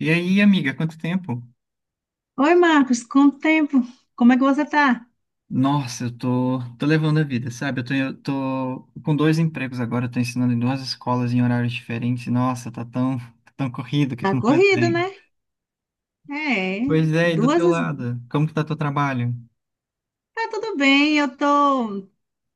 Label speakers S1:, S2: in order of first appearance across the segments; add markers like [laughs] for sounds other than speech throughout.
S1: E aí, amiga, quanto tempo?
S2: Oi, Marcos, quanto tempo? Como é que você tá?
S1: Nossa, eu tô levando a vida, sabe? Eu tô com dois empregos agora, eu tô ensinando em duas escolas em horários diferentes. Nossa, tá tão corrido que tu
S2: Tá
S1: não faz
S2: corrido, né?
S1: bem.
S2: É,
S1: Pois é, e do teu
S2: duas.
S1: lado? Como que tá teu trabalho?
S2: Tá tudo bem, eu tô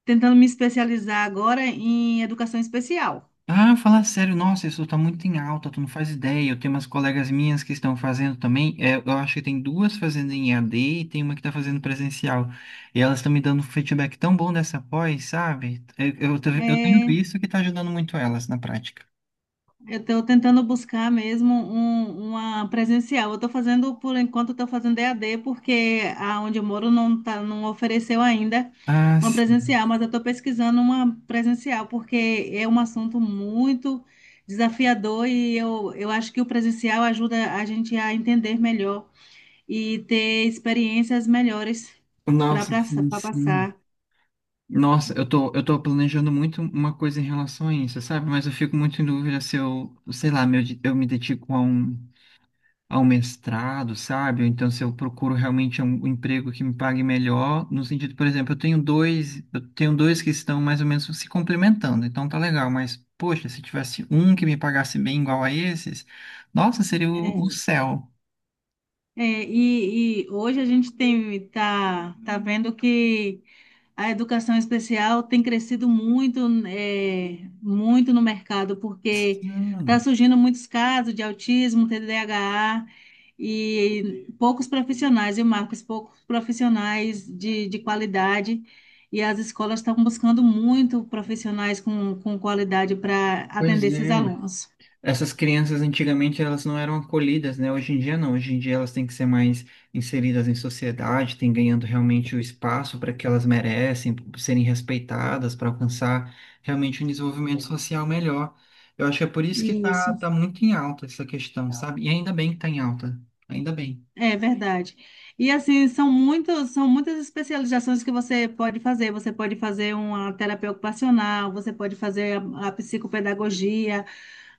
S2: tentando me especializar agora em educação especial.
S1: Ah, falar sério, nossa, isso tá muito em alta, tu não faz ideia. Eu tenho umas colegas minhas que estão fazendo também. É, eu acho que tem duas fazendo em EAD e tem uma que tá fazendo presencial. E elas estão me dando um feedback tão bom dessa pós, sabe? Eu tenho
S2: É.
S1: visto que tá ajudando muito elas na prática.
S2: Eu estou tentando buscar mesmo uma presencial. Eu estou fazendo, por enquanto, estou fazendo EAD, porque aonde eu moro não, tá, não ofereceu ainda
S1: Ah,
S2: uma
S1: sim.
S2: presencial, mas eu estou pesquisando uma presencial, porque é um assunto muito desafiador e eu acho que o presencial ajuda a gente a entender melhor e ter experiências melhores para
S1: Nossa, sim, sim.
S2: passar.
S1: Nossa, eu tô planejando muito uma coisa em relação a isso, sabe? Mas eu fico muito em dúvida se eu, sei lá, meu, eu me dedico a um mestrado, sabe? Ou então se eu procuro realmente um emprego que me pague melhor, no sentido, por exemplo, eu tenho dois que estão mais ou menos se complementando, então tá legal, mas, poxa, se tivesse um que me pagasse bem igual a esses, nossa, seria o
S2: É.
S1: céu.
S2: É, e hoje a gente tem, tá, tá vendo que. A educação especial tem crescido muito, muito no mercado, porque está
S1: Sim,
S2: surgindo muitos casos de autismo, TDAH, e poucos profissionais, e Marcos, poucos profissionais de qualidade, e as escolas estão buscando muito profissionais com qualidade para
S1: pois
S2: atender esses
S1: é.
S2: alunos.
S1: Essas crianças antigamente elas não eram acolhidas, né? Hoje em dia não. Hoje em dia elas têm que ser mais inseridas em sociedade, têm ganhando realmente o espaço para que elas merecem, por serem respeitadas, para alcançar realmente um desenvolvimento social melhor. Eu acho que é por isso que tá,
S2: Isso.
S1: tá muito em alta essa questão, sabe? E ainda bem que tá em alta. Ainda bem.
S2: É verdade. E assim, são muitos, são muitas especializações que você pode fazer. Você pode fazer uma terapia ocupacional, você pode fazer a psicopedagogia,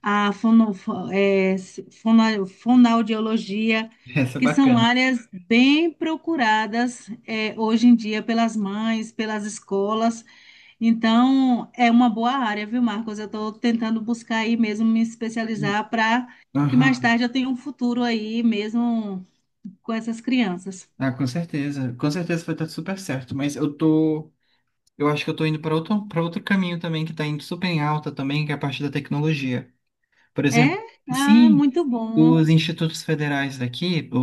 S2: a fonoaudiologia,
S1: [laughs] Essa é
S2: que são
S1: bacana.
S2: áreas bem procuradas, é, hoje em dia pelas mães, pelas escolas. Então, é uma boa área, viu, Marcos? Eu estou tentando buscar aí mesmo me especializar para que mais
S1: Aham.
S2: tarde eu tenha um futuro aí mesmo com essas crianças.
S1: Ah, com certeza. Com certeza vai dar super certo, mas eu acho que eu tô indo para outro, caminho também que tá indo super em alta também, que é a parte da tecnologia. Por
S2: É?
S1: exemplo,
S2: Ah,
S1: sim,
S2: muito bom.
S1: os institutos federais daqui, o,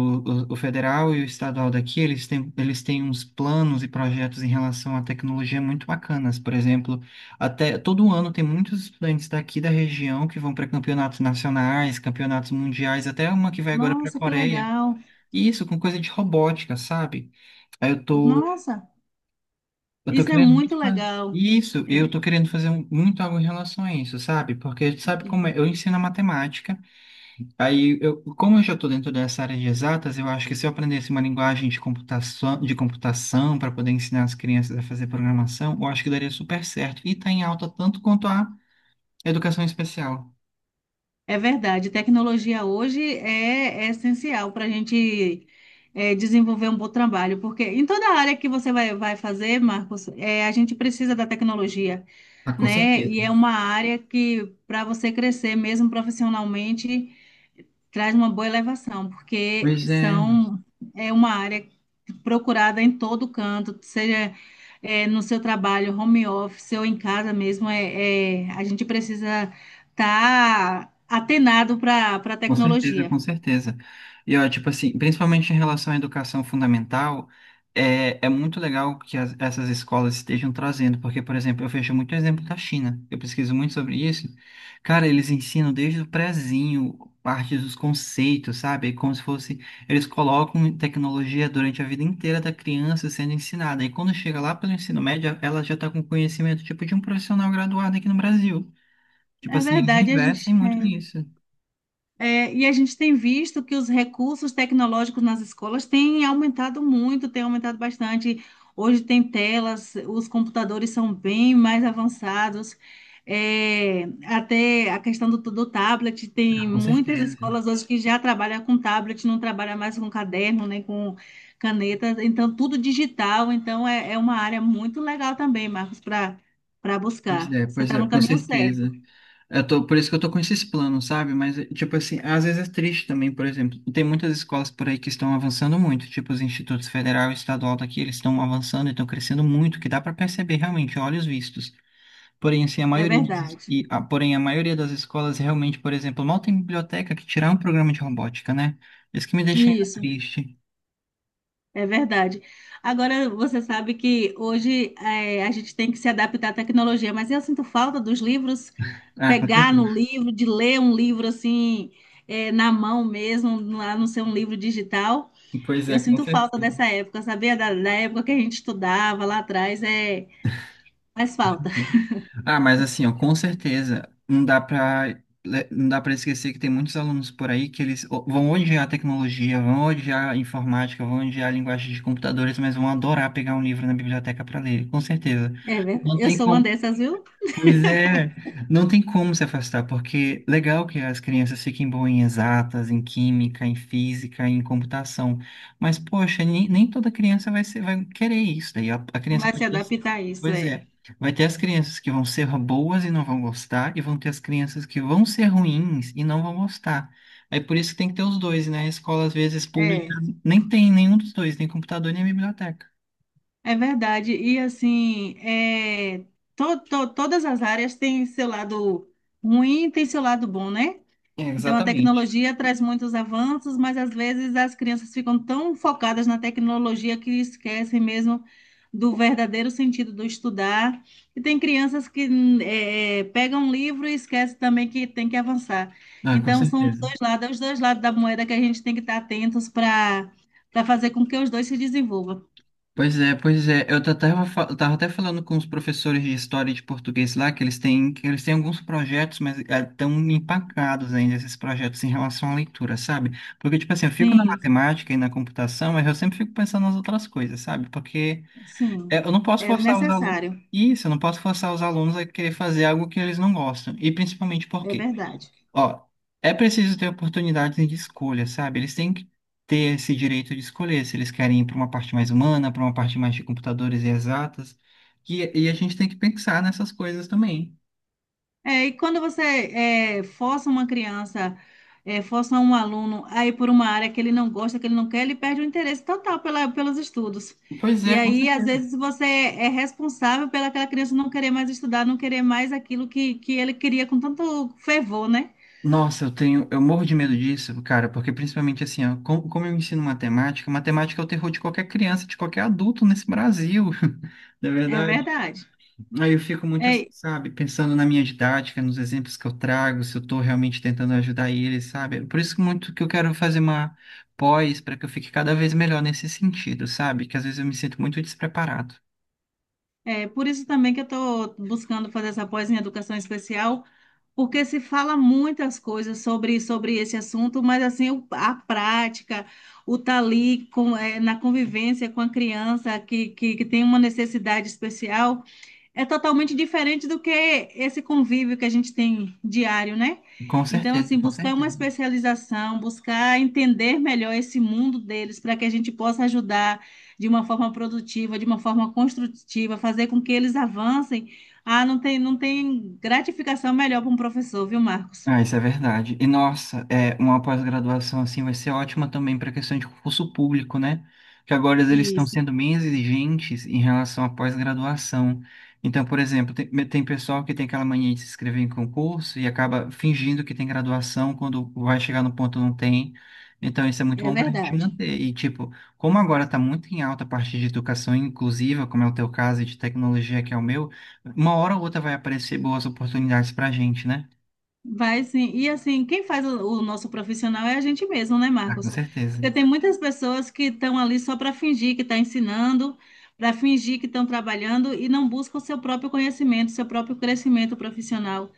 S1: o, o federal e o estadual daqui, eles têm uns planos e projetos em relação à tecnologia muito bacanas. Por exemplo, até todo ano tem muitos estudantes daqui da região que vão para campeonatos nacionais, campeonatos mundiais, até uma que vai agora para a
S2: Nossa, que
S1: Coreia.
S2: legal.
S1: E isso, com coisa de robótica, sabe? Aí eu tô,
S2: Nossa,
S1: eu tô
S2: isso é
S1: querendo
S2: muito
S1: muito
S2: legal.
S1: Isso, eu tô querendo fazer muito algo em relação a isso, sabe? Porque sabe como é?
S2: É,
S1: Eu ensino a matemática. Aí, eu, como eu já estou dentro dessa área de exatas, eu acho que se eu aprendesse uma linguagem de computação para poder ensinar as crianças a fazer programação, eu acho que daria super certo. E está em alta tanto quanto a educação especial.
S2: é verdade. Tecnologia hoje é essencial para a gente desenvolver um bom trabalho, porque em toda área que você vai, vai fazer, Marcos, é, a gente precisa da tecnologia,
S1: Ah, com
S2: né? E
S1: certeza.
S2: é uma área que, para você crescer mesmo profissionalmente, traz uma boa elevação, porque
S1: Pois é,
S2: são, é uma área procurada em todo canto, seja é, no seu trabalho, home office ou em casa mesmo, é, é, a gente precisa estar atenado para a
S1: com certeza,
S2: tecnologia.
S1: com certeza. E ó, tipo assim, principalmente em relação à educação fundamental, é muito legal que essas escolas estejam trazendo, porque, por exemplo, eu vejo muito exemplo da China, eu pesquiso muito sobre isso. Cara, eles ensinam desde o prezinho, parte dos conceitos, sabe? É como se fosse, eles colocam tecnologia durante a vida inteira da criança sendo ensinada. E quando chega lá pelo ensino médio, ela já está com conhecimento tipo de um profissional graduado aqui no Brasil. Tipo
S2: É
S1: assim, eles
S2: verdade, a
S1: investem
S2: gente,
S1: muito
S2: é,
S1: nisso.
S2: É, e a gente tem visto que os recursos tecnológicos nas escolas têm aumentado muito, têm aumentado bastante. Hoje tem telas, os computadores são bem mais avançados. É, até a questão do tablet, tem
S1: Ah, com
S2: muitas
S1: certeza.
S2: escolas hoje que já trabalham com tablet, não trabalham mais com caderno, nem com caneta, então tudo digital. Então é, é uma área muito legal também, Marcos, para buscar. Você
S1: Pois
S2: está
S1: é,
S2: no
S1: com
S2: caminho certo,
S1: certeza. Por isso que eu tô com esses planos, sabe? Mas, tipo assim, às vezes é triste também, por exemplo. Tem muitas escolas por aí que estão avançando muito, tipo os institutos federal e estadual daqui, eles estão avançando e estão crescendo muito, que dá para perceber realmente, a olhos vistos. Porém, assim,
S2: é verdade.
S1: a maioria das escolas realmente, por exemplo, mal tem biblioteca que tirar um programa de robótica, né? Isso que me deixa ainda
S2: Isso.
S1: triste.
S2: É verdade. Agora, você sabe que hoje a gente tem que se adaptar à tecnologia, mas eu sinto falta dos livros,
S1: Ah, com
S2: pegar no [laughs]
S1: certeza.
S2: livro, de ler um livro assim, na mão mesmo, lá não ser um livro digital.
S1: Pois
S2: Eu
S1: é, com
S2: sinto falta
S1: certeza.
S2: dessa época, sabia? Da época que a gente estudava lá atrás, é, faz falta. [laughs]
S1: Ah, mas assim, ó, com certeza, não dá para esquecer que tem muitos alunos por aí que eles vão odiar a tecnologia, vão odiar a informática, vão odiar a linguagem de computadores, mas vão adorar pegar um livro na biblioteca para ler, com certeza.
S2: É verdade.
S1: Não
S2: Eu
S1: tem
S2: sou uma dessas, viu?
S1: Pois é, não tem como se afastar, porque legal que as crianças fiquem boas em exatas, em química, em física, em computação, mas poxa, nem toda criança vai querer isso, daí a criança
S2: Vai se
S1: pode dar.
S2: adaptar a isso,
S1: Pois
S2: é.
S1: é, vai ter as crianças que vão ser boas e não vão gostar, e vão ter as crianças que vão ser ruins e não vão gostar. Aí por isso que tem que ter os dois, né? A escola, às vezes, pública,
S2: É.
S1: nem tem nenhum dos dois, nem computador, nem biblioteca.
S2: É verdade. E assim, é, todas as áreas têm seu lado ruim e tem seu lado bom, né?
S1: É,
S2: Então a
S1: exatamente.
S2: tecnologia traz muitos avanços, mas às vezes as crianças ficam tão focadas na tecnologia que esquecem mesmo do verdadeiro sentido do estudar. E tem crianças que pegam um livro e esquecem também que tem que avançar.
S1: Ah, com
S2: Então são os
S1: certeza.
S2: dois lados, é os dois lados da moeda que a gente tem que estar atentos para fazer com que os dois se desenvolvam.
S1: Pois é, pois é. Eu tava até falando com os professores de história e de português lá, que eles têm alguns projetos, mas estão empacados ainda esses projetos em relação à leitura, sabe? Porque, tipo assim, eu fico na
S2: Sim.
S1: matemática e na computação, mas eu sempre fico pensando nas outras coisas, sabe? Porque é,
S2: Sim,
S1: eu não posso
S2: é
S1: forçar os alunos.
S2: necessário,
S1: Isso, eu não posso forçar os alunos a querer fazer algo que eles não gostam. E principalmente
S2: é
S1: porque
S2: verdade.
S1: ó, é preciso ter oportunidades de escolha, sabe? Eles têm que ter esse direito de escolher se eles querem ir para uma parte mais humana, para uma parte mais de computadores e exatas. E a gente tem que pensar nessas coisas também.
S2: É, e quando você força uma criança, força um aluno a ir por uma área que ele não gosta, que ele não quer, ele perde o interesse total pela, pelos estudos.
S1: Pois
S2: E
S1: é, com
S2: aí, às
S1: certeza.
S2: vezes, você é responsável pela aquela criança não querer mais estudar, não querer mais aquilo que ele queria com tanto fervor, né?
S1: Nossa, eu morro de medo disso, cara, porque principalmente assim, ó, como eu ensino matemática, matemática é o terror de qualquer criança, de qualquer adulto nesse Brasil, [laughs] na
S2: É
S1: verdade.
S2: verdade.
S1: Aí eu fico muito, assim,
S2: É,
S1: sabe, pensando na minha didática, nos exemplos que eu trago, se eu estou realmente tentando ajudar eles, sabe? Por isso que muito que eu quero fazer uma pós para que eu fique cada vez melhor nesse sentido, sabe? Que às vezes eu me sinto muito despreparado.
S2: é por isso também que eu estou buscando fazer essa pós em educação especial, porque se fala muitas coisas sobre, sobre esse assunto, mas assim, o- a prática, o estar ali com, na convivência com a criança que tem uma necessidade especial é totalmente diferente do que esse convívio que a gente tem diário, né?
S1: Com
S2: Então,
S1: certeza,
S2: assim,
S1: com
S2: buscar uma
S1: certeza.
S2: especialização, buscar entender melhor esse mundo deles, para que a gente possa ajudar de uma forma produtiva, de uma forma construtiva, fazer com que eles avancem. Ah, não tem, não tem gratificação melhor para um professor, viu, Marcos?
S1: Ah, isso é verdade. E nossa, é uma pós-graduação assim vai ser ótima também para a questão de concurso público, né? Que agora eles estão
S2: Isso,
S1: sendo bem exigentes em relação à pós-graduação. Então, por exemplo, tem pessoal que tem aquela mania de se inscrever em concurso e acaba fingindo que tem graduação quando vai chegar no ponto não tem. Então, isso é muito
S2: é
S1: bom para a gente
S2: verdade.
S1: manter. E, tipo, como agora está muito em alta a parte de educação inclusiva, como é o teu caso, e de tecnologia, que é o meu, uma hora ou outra vai aparecer boas oportunidades para a gente, né?
S2: Vai sim. E assim, quem faz o nosso profissional é a gente mesmo, né,
S1: Ah, com
S2: Marcos?
S1: certeza.
S2: Porque tem muitas pessoas que estão ali só para fingir que está ensinando, para fingir que estão trabalhando e não buscam o seu próprio conhecimento, seu próprio crescimento profissional.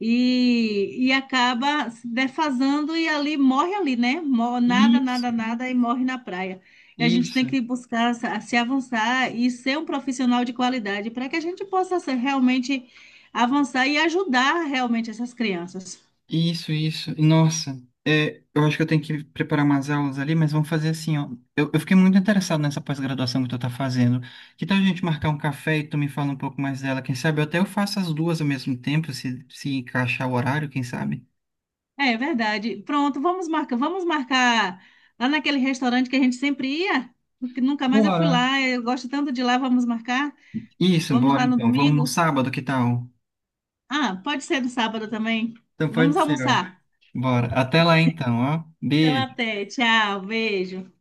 S2: E acaba se defasando e ali morre ali, né? Mor- Nada,
S1: Isso,
S2: nada, nada e morre na praia. E a gente tem
S1: isso,
S2: que buscar se avançar e ser um profissional de qualidade para que a gente possa ser realmente avançar e ajudar realmente essas crianças.
S1: isso, isso. Nossa, é, eu acho que eu tenho que preparar umas aulas ali, mas vamos fazer assim, ó. Eu fiquei muito interessado nessa pós-graduação que tu tá fazendo. Que tal a gente marcar um café e tu me fala um pouco mais dela? Quem sabe eu até eu faço as duas ao mesmo tempo, se encaixar o horário, quem sabe?
S2: É, é verdade. Pronto, vamos marcar lá naquele restaurante que a gente sempre ia, que nunca mais eu fui
S1: Bora.
S2: lá, eu gosto tanto de lá, vamos marcar.
S1: Isso,
S2: Vamos
S1: bora
S2: lá no
S1: então. Vamos no
S2: domingo?
S1: sábado, que tal?
S2: Ah, pode ser no sábado também.
S1: Então
S2: Vamos
S1: pode ser, ó.
S2: almoçar.
S1: Bora. Até lá então, ó.
S2: Então
S1: Beijo.
S2: até, tchau, beijo.